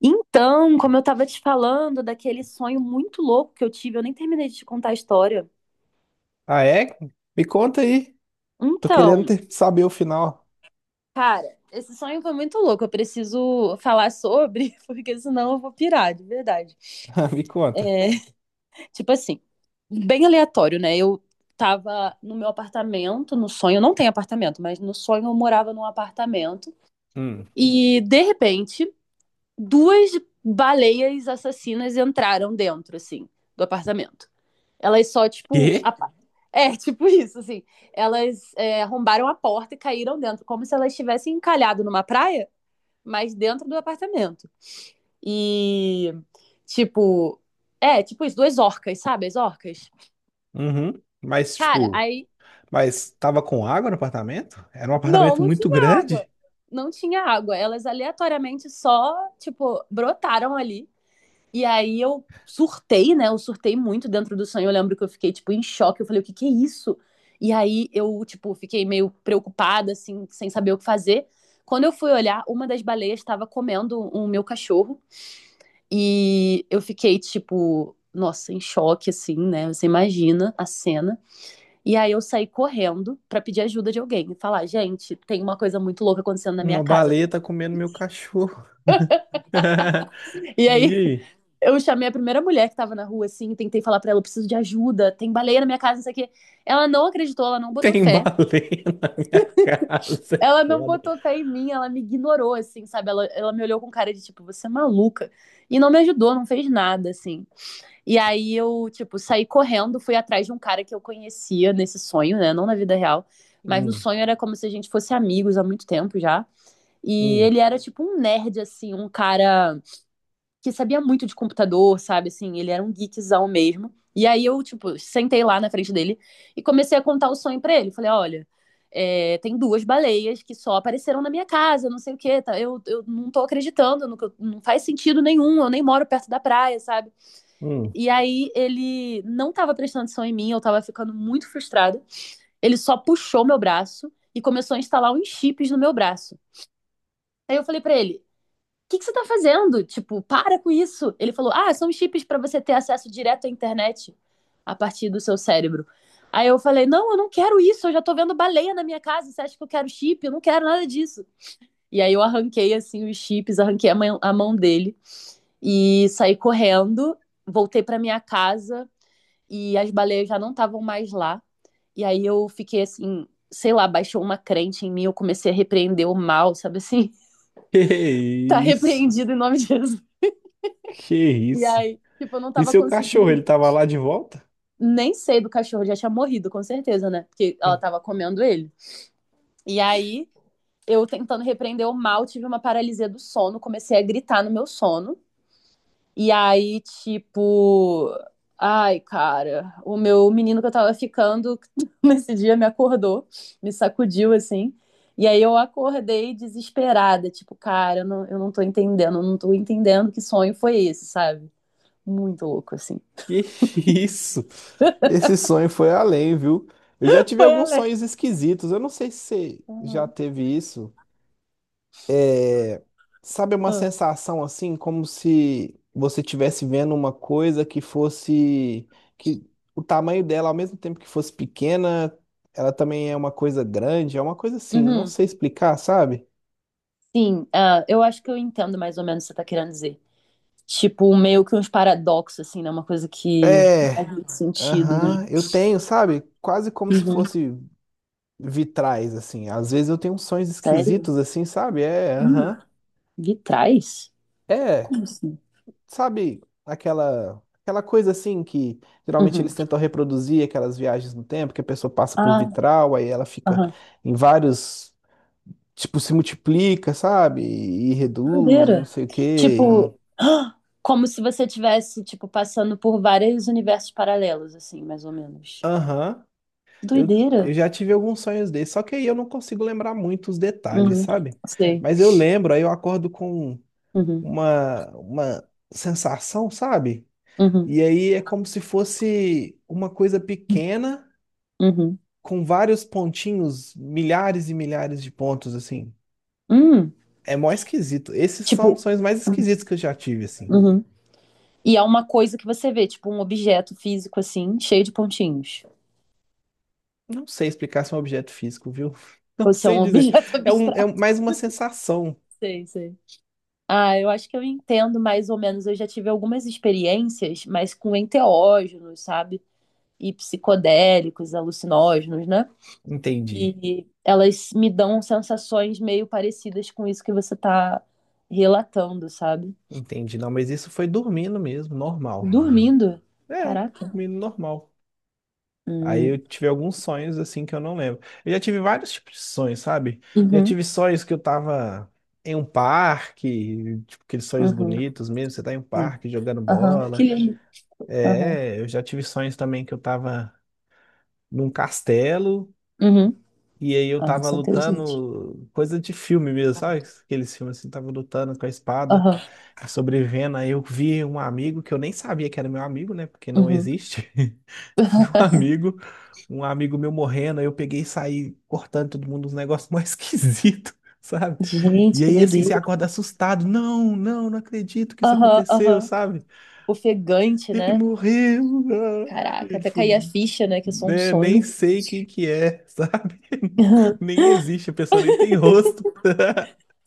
Então, como eu estava te falando daquele sonho muito louco que eu tive, eu nem terminei de te contar a história. Ah, é? Me conta aí. Tô querendo Então, saber o final. cara, esse sonho foi muito louco. Eu preciso falar sobre, porque senão eu vou pirar, de verdade. Me conta. Tipo assim, bem aleatório, né? Eu tava no meu apartamento, no sonho, eu não tenho apartamento, mas no sonho eu morava num apartamento. Hum. E, de repente, duas baleias assassinas entraram dentro, assim, do apartamento. Elas só, tipo, Quê? Tipo isso, assim. Elas arrombaram a porta e caíram dentro, como se elas estivessem encalhado numa praia, mas dentro do apartamento. E, tipo, tipo isso, duas orcas, sabe? As orcas. Uhum. Mas, Cara, tipo, aí, mas tava com água no apartamento? Era um não, apartamento não muito tinha água. grande? Não tinha água. Elas aleatoriamente só, tipo, brotaram ali. E aí eu surtei, né? Eu surtei muito dentro do sonho. Eu lembro que eu fiquei, tipo, em choque. Eu falei, o que que é isso? E aí eu, tipo, fiquei meio preocupada, assim, sem saber o que fazer. Quando eu fui olhar, uma das baleias estava comendo o meu cachorro. E eu fiquei, tipo, nossa, em choque, assim, né? Você imagina a cena. E aí eu saí correndo pra pedir ajuda de alguém. E falar, gente, tem uma coisa muito louca acontecendo na minha Uma casa. baleia tá comendo meu cachorro. E E aí, aí? eu chamei a primeira mulher que tava na rua, assim, tentei falar pra ela, eu preciso de ajuda, tem baleia na minha casa, não sei o quê. Ela não acreditou, ela não botou Tem fé. baleia na minha casa. Ela não Foda. botou fé em mim, ela me ignorou, assim, sabe? Ela me olhou com cara de, tipo, você é maluca. E não me ajudou, não fez nada, assim. E aí eu, tipo, saí correndo, fui atrás de um cara que eu conhecia nesse sonho, né? Não na vida real, mas no Hum, sonho era como se a gente fosse amigos há muito tempo já. E hum, ele era, tipo, um nerd, assim, um cara que sabia muito de computador, sabe? Assim, ele era um geekzão mesmo. E aí eu, tipo, sentei lá na frente dele e comecei a contar o sonho pra ele. Falei, olha, tem duas baleias que só apareceram na minha casa, não sei o quê. Tá? Eu não tô acreditando. Não faz sentido nenhum, eu nem moro perto da praia, sabe? hum. E aí ele não tava prestando atenção em mim, eu tava ficando muito frustrada. Ele só puxou meu braço e começou a instalar uns chips no meu braço. Aí eu falei pra ele, que você tá fazendo? Tipo, para com isso. Ele falou, ah, são chips para você ter acesso direto à internet a partir do seu cérebro. Aí eu falei, não, eu não quero isso, eu já tô vendo baleia na minha casa, você acha que eu quero chip? Eu não quero nada disso. E aí eu arranquei, assim, os chips, arranquei a mão dele e saí correndo, voltei pra minha casa e as baleias já não estavam mais lá. E aí eu fiquei, assim, sei lá, baixou uma crente em mim, eu comecei a repreender o mal, sabe assim? Que Tá isso? repreendido em nome de Jesus. Que E isso? aí, tipo, eu não E tava seu cachorro, ele conseguindo. tava lá de volta? Nem sei do cachorro, já tinha morrido, com certeza, né? Porque ela tava comendo ele. E aí, eu tentando repreender o mal, tive uma paralisia do sono, comecei a gritar no meu sono. E aí, tipo. Ai, cara, o meu menino que eu tava ficando nesse dia me acordou, me sacudiu assim. E aí eu acordei desesperada, tipo, cara, eu não tô entendendo que sonho foi esse, sabe? Muito louco, assim. Que isso? Esse sonho foi além, viu? Eu já tive Foi alguns sonhos esquisitos. Eu não sei se você já alerta. teve isso. É, sabe, uma Ah, sensação assim, como se você estivesse vendo uma coisa que fosse, que o tamanho dela, ao mesmo tempo que fosse pequena, ela também é uma coisa grande, é uma coisa assim, não uhum. sei explicar, sabe? Sim, ah, eu acho que eu entendo mais ou menos o que você tá querendo dizer. Tipo, meio que uns paradoxos, assim, né? Uma coisa que não faz É, muito sentido, né? aham, eu tenho, sabe? Quase como se Uhum. fosse vitrais, assim. Às vezes eu tenho uns sonhos Sério? esquisitos, assim, sabe? É, Hum, aham. vitrais? É, Como assim? sabe, aquela coisa assim que geralmente Uhum. eles tentam reproduzir aquelas viagens no tempo, que a pessoa passa por Ah, vitral, aí ela fica aham. em vários, tipo, se multiplica, sabe? E reduz, e não Doideira. sei o quê. E... Tipo, como se você tivesse, tipo, passando por vários universos paralelos, assim, mais ou menos. Aham. Eu, Doideira. eu já tive alguns sonhos desses, só que aí eu não consigo lembrar muito os detalhes, Uhum. sabe? Sei. Mas eu lembro, aí eu acordo com Uhum. uma sensação, sabe? Uhum. E aí é como se fosse uma coisa pequena Uhum. com vários pontinhos, milhares e milhares de pontos, assim. Hum. É mó esquisito. Esses Tipo. são os mais esquisitos que eu já tive, assim. Uhum. E é uma coisa que você vê, tipo um objeto físico assim, cheio de pontinhos. Não sei explicar se é um objeto físico, viu? Não Ou se é sei um dizer. objeto É, abstrato, mais uma sensação. sei, sei. Ah, eu acho que eu entendo mais ou menos. Eu já tive algumas experiências, mas com enteógenos, sabe? E psicodélicos, alucinógenos, né? Entendi. E elas me dão sensações meio parecidas com isso que você tá relatando, sabe? Entendi. Não, mas isso foi dormindo mesmo, normal. Dormindo? É, Caraca. dormindo normal. Aí eu Hum. tive alguns sonhos assim que eu não lembro. Eu já tive vários tipos de sonhos, sabe? Já Uhum, tive sonhos que eu tava em um parque, tipo aqueles sonhos uhum, bonitos mesmo, você tá em um sim. parque jogando Aham, que bola. lindo. Aham, É, eu já tive sonhos também que eu tava num castelo. uhum. E aí eu Ah, tava isso é inteligente. lutando, coisa de filme mesmo, sabe? Aqueles filmes assim, tava lutando com a espada, Aham, sobrevivendo. Aí eu vi um amigo que eu nem sabia que era meu amigo, né? Porque não uhum. existe. Vi um amigo meu morrendo, aí eu peguei e saí cortando todo mundo, uns negócios mais esquisitos. Sabe? E Gente, que aí, assim, você doideira. acorda assustado. Não, não, não acredito que isso Aham, aconteceu, aham. sabe? Ofegante, Ele né? morreu, ah. Caraca, E, até tipo, cair a ficha, né? Que é só um né, nem sonho. sei quem que é, sabe? Nem existe, a pessoa nem tem rosto.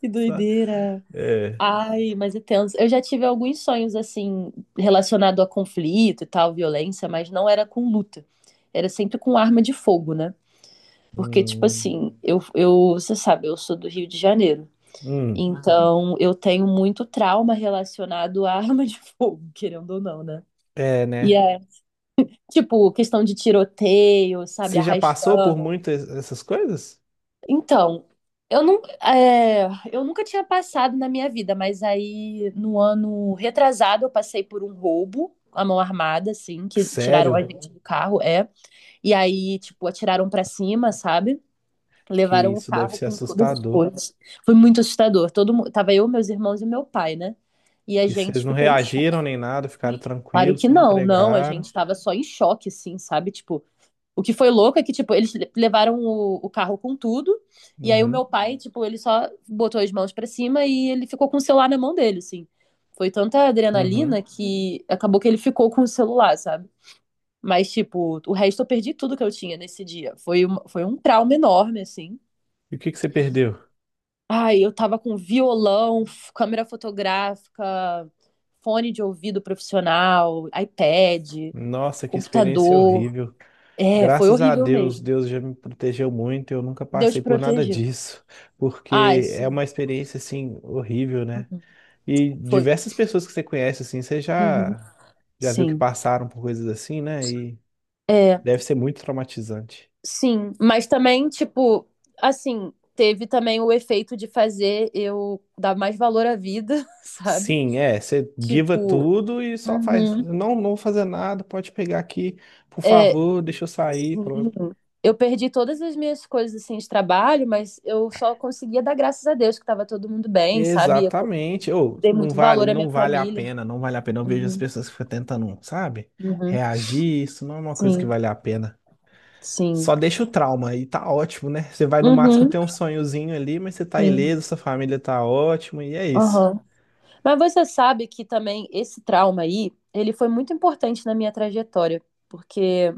Que Sabe? doideira. É. Ai, mas é tenso. Eu já tive alguns sonhos, assim, relacionado a conflito e tal, violência, mas não era com luta. Era sempre com arma de fogo, né? Porque, tipo Hum, assim, eu, você sabe, eu sou do Rio de Janeiro. hum. Então, eu tenho muito trauma relacionado a arma de fogo, querendo ou não, né? É, E né? tipo, questão de tiroteio, sabe, Você já passou por arrastão. muito essas coisas? Então, eu não, eu nunca tinha passado na minha vida, mas aí no ano retrasado eu passei por um roubo à mão armada, assim, que tiraram a Sério, gente do carro, é. E aí, tipo, atiraram pra cima, sabe? que Levaram o isso deve carro ser com todas as assustador. coisas. Foi muito assustador. Todo mundo, tava eu, meus irmãos e meu pai, né? E a E vocês gente não ficou em choque. reagiram nem nada, ficaram Claro tranquilos, que só não, não, a entregaram. gente tava só em choque, assim, sabe? Tipo, o que foi louco é que, tipo, eles levaram o carro com tudo, e aí o meu Uhum, pai, tipo, ele só botou as mãos pra cima e ele ficou com o celular na mão dele, assim. Foi tanta uhum. adrenalina que acabou que ele ficou com o celular, sabe? Mas, tipo, o resto eu perdi tudo que eu tinha nesse dia. Foi um trauma enorme, assim. E o que que você perdeu? Ai, eu tava com violão, câmera fotográfica, fone de ouvido profissional, iPad, Nossa, que experiência computador. horrível. É, foi Graças a horrível Deus, mesmo. Deus já me protegeu muito, eu nunca Deus passei por nada protegeu. disso, Ai, porque é uma experiência assim horrível, né? E foi. diversas pessoas que você conhece assim, você Uhum. já viu que Sim. passaram por coisas assim, né? E É, deve ser muito traumatizante. sim. Mas também, tipo, assim, teve também o efeito de fazer eu dar mais valor à vida, sabe? Sim, é, você guiva Tipo, tudo e só faz, uhum. não, não vou fazer nada, pode pegar aqui, por É, favor, deixa eu sair, sim. pronto. Eu perdi todas as minhas coisas assim de trabalho, mas eu só conseguia dar graças a Deus que estava todo mundo bem, sabe? Eu Exatamente. Ou dei não muito vale, valor à minha não vale a família. pena, não vale a pena. Eu vejo as Uhum, pessoas que ficam tentando, sabe? uhum. Reagir, isso não é uma coisa que Sim, vale a pena. sim. Só deixa o trauma e tá ótimo, né? Você vai no máximo Uhum, ter um sonhozinho ali, mas você tá sim. ileso, sua família tá ótima e é isso. Aham. Mas você sabe que também esse trauma aí, ele foi muito importante na minha trajetória, porque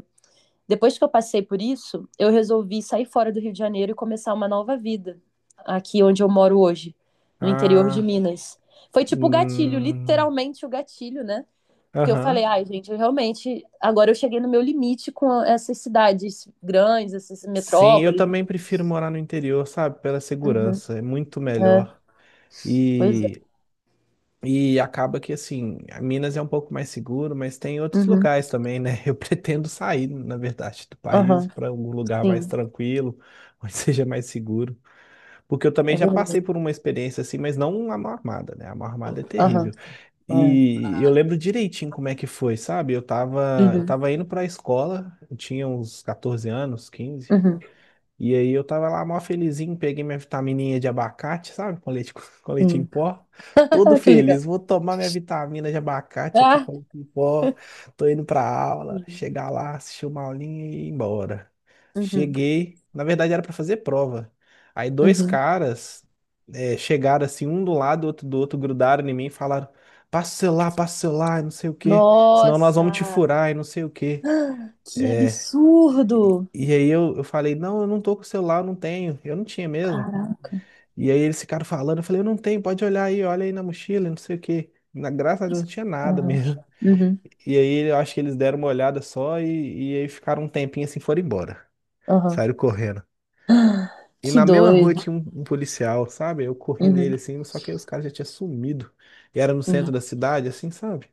depois que eu passei por isso, eu resolvi sair fora do Rio de Janeiro e começar uma nova vida, aqui onde eu moro hoje, no interior de Ah, Minas. Foi tipo o gatilho, hum, literalmente o gatilho, né? Porque eu falei, aham. ai, gente, eu realmente, agora eu cheguei no meu limite com essas cidades grandes, essas Sim, eu metrópoles, né? também prefiro morar no interior, sabe? Pela Uhum, segurança, é muito é, melhor. pois E é. Acaba que, assim, a Minas é um pouco mais seguro, mas tem outros Uhum, locais também, né? Eu pretendo sair, na verdade, do país aham, para algum lugar mais sim, tranquilo, onde seja mais seguro. Porque eu também é já passei verdade. por uma experiência assim, mas não a mão armada, né? A mão armada é Aham, terrível. é. E eu lembro direitinho como é que foi, sabe? Eu tava, eu Uhum, tava indo para a escola, eu tinha uns 14 anos, 15, uhum. e aí eu tava lá mó felizinho, peguei minha vitamininha de abacate, sabe? Com leite, com leite em Sim. pó. Todo Que legal. feliz, vou tomar minha vitamina de abacate aqui Ah. com leite em pó. Tô indo pra aula, Uhum, chegar lá, assistir uma aulinha e ir embora. uhum, Cheguei, na verdade era pra fazer prova. Aí dois uhum. caras chegaram assim, um do lado, outro do outro, grudaram em mim e falaram: passa o celular, e não sei o quê, senão nós Nossa, vamos te furar e não sei o quê. que absurdo! E aí eu falei, não, eu não tô com o celular, eu não tenho. Eu não tinha mesmo. Caraca. E aí eles ficaram falando, eu falei, eu não tenho, pode olhar aí, olha aí na mochila, não sei o quê. Na, graças a Deus não tinha nada Aham, mesmo. uhum, E aí eu acho que eles deram uma olhada só e aí ficaram um tempinho assim, foram embora. aham. Saíram correndo. E Que na mesma rua doido. tinha um policial, sabe? Eu corri Uhum, nele assim, só que aí os caras já tinham sumido. E era no sim. centro da cidade, assim, sabe?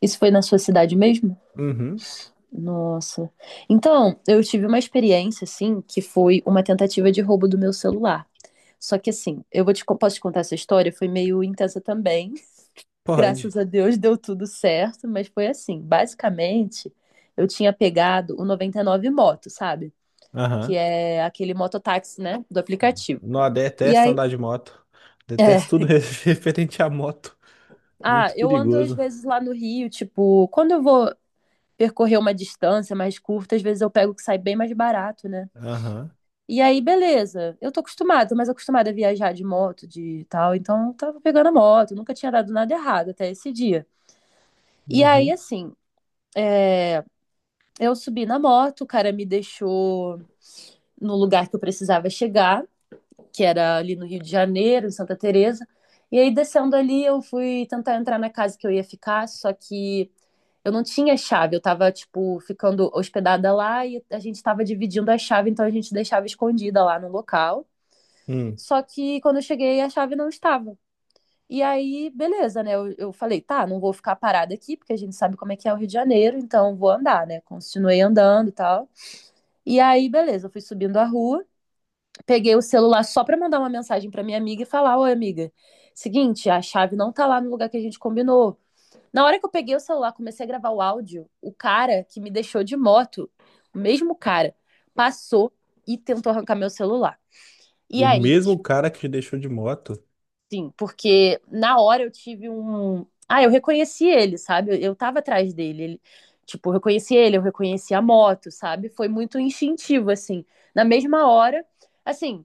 Isso foi na sua cidade mesmo? Uhum, Nossa. Então, eu tive uma experiência, assim, que foi uma tentativa de roubo do meu celular. Só que, assim, eu vou te, posso te contar essa história? Foi meio intensa também. pode. Graças a Deus deu tudo certo, mas foi assim. Basicamente, eu tinha pegado o 99 Moto, sabe? Que Aham. é aquele mototáxi, né? Do aplicativo. Não, E detesto aí. andar de moto. É. Detesto tudo referente à moto. Ah, Muito eu ando às perigoso. vezes lá no Rio, tipo, quando eu vou percorrer uma distância mais curta, às vezes eu pego o que sai bem mais barato, né? Aham. E aí, beleza. Eu tô acostumada, tô mais acostumada a viajar de moto, de tal. Então, eu tava pegando a moto, nunca tinha dado nada errado até esse dia. E aí, Uhum. assim, é, eu subi na moto, o cara me deixou no lugar que eu precisava chegar, que era ali no Rio de Janeiro, em Santa Teresa. E aí descendo ali, eu fui tentar entrar na casa que eu ia ficar, só que eu não tinha chave, eu tava tipo ficando hospedada lá e a gente tava dividindo a chave, então a gente deixava escondida lá no local. Hum. Só que quando eu cheguei, a chave não estava. E aí, beleza, né? Eu falei, tá, não vou ficar parada aqui, porque a gente sabe como é que é o Rio de Janeiro, então vou andar, né? Continuei andando e tal. E aí, beleza, eu fui subindo a rua, peguei o celular só pra mandar uma mensagem pra minha amiga e falar: Oi, amiga, seguinte, a chave não tá lá no lugar que a gente combinou. Na hora que eu peguei o celular, comecei a gravar o áudio, o cara que me deixou de moto, o mesmo cara, passou e tentou arrancar meu celular. E O aí, mesmo tipo, cara que te deixou de moto. sim, porque na hora eu tive um. Ah, eu reconheci ele, sabe? Eu tava atrás dele. Ele... Tipo, eu reconheci ele, eu reconheci a moto, sabe? Foi muito instintivo, assim. Na mesma hora, assim,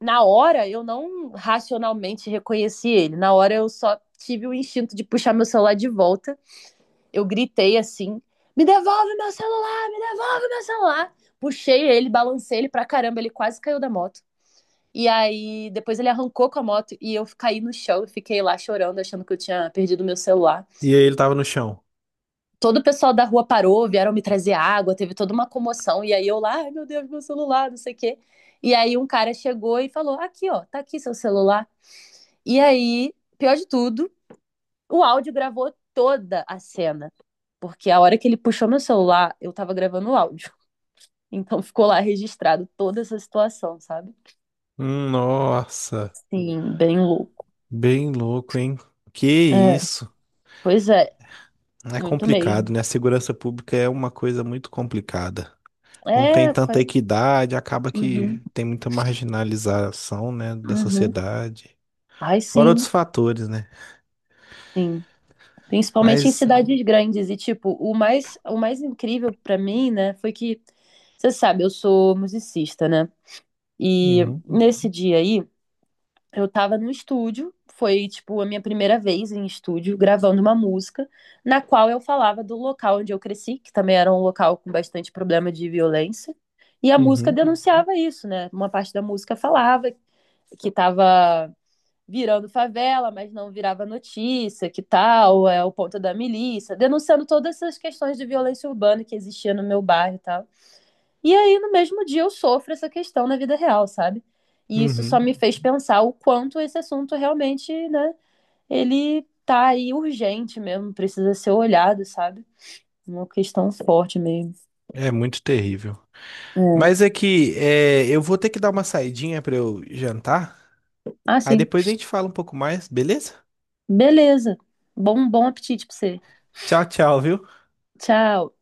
na hora eu não racionalmente reconheci ele. Na hora eu só tive o instinto de puxar meu celular de volta. Eu gritei assim: "Me devolve meu celular, me devolve meu celular". Puxei ele, balancei ele pra caramba, ele quase caiu da moto. E aí depois ele arrancou com a moto e eu caí no chão e fiquei lá chorando, achando que eu tinha perdido meu celular. E aí ele tava no chão. Todo o pessoal da rua parou, vieram me trazer água, teve toda uma comoção e aí eu lá, ai meu Deus, meu celular, não sei o quê. E aí um cara chegou e falou: "Aqui, ó, tá aqui seu celular". E aí, pior de tudo, o áudio gravou toda a cena, porque a hora que ele puxou meu celular, eu tava gravando o áudio. Então ficou lá registrado toda essa situação, sabe? Hum. Nossa, Sim, bem louco. bem louco, hein? Que É, isso? pois é, É muito complicado, mesmo. né? A segurança pública é uma coisa muito complicada. Não tem É, tanta foi. equidade, acaba Uhum, que tem muita marginalização, né, da uhum. sociedade. Ai, Fora outros sim, fatores, né? sim. Principalmente em Mas, cidades grandes. E, tipo, o mais incrível pra mim, né, foi que, você sabe, eu sou musicista, né? E uhum, nesse dia aí, eu tava no estúdio, foi tipo a minha primeira vez em estúdio gravando uma música, na qual eu falava do local onde eu cresci, que também era um local com bastante problema de violência, e a música uhum, denunciava isso, né? Uma parte da música falava que tava virando favela, mas não virava notícia, que tal, é o ponto da milícia, denunciando todas essas questões de violência urbana que existia no meu bairro e tal. E aí, no mesmo dia, eu sofro essa questão na vida real, sabe? E isso só uhum, me fez pensar o quanto esse assunto realmente, né, ele tá aí urgente mesmo, precisa ser olhado, sabe? Uma questão forte mesmo. é muito terrível. É. Mas é que é, eu vou ter que dar uma saidinha pra eu jantar. Ah, Aí sim. depois a gente fala um pouco mais, beleza? Beleza. Bom, bom apetite pra você. Tchau, tchau, viu? Tchau.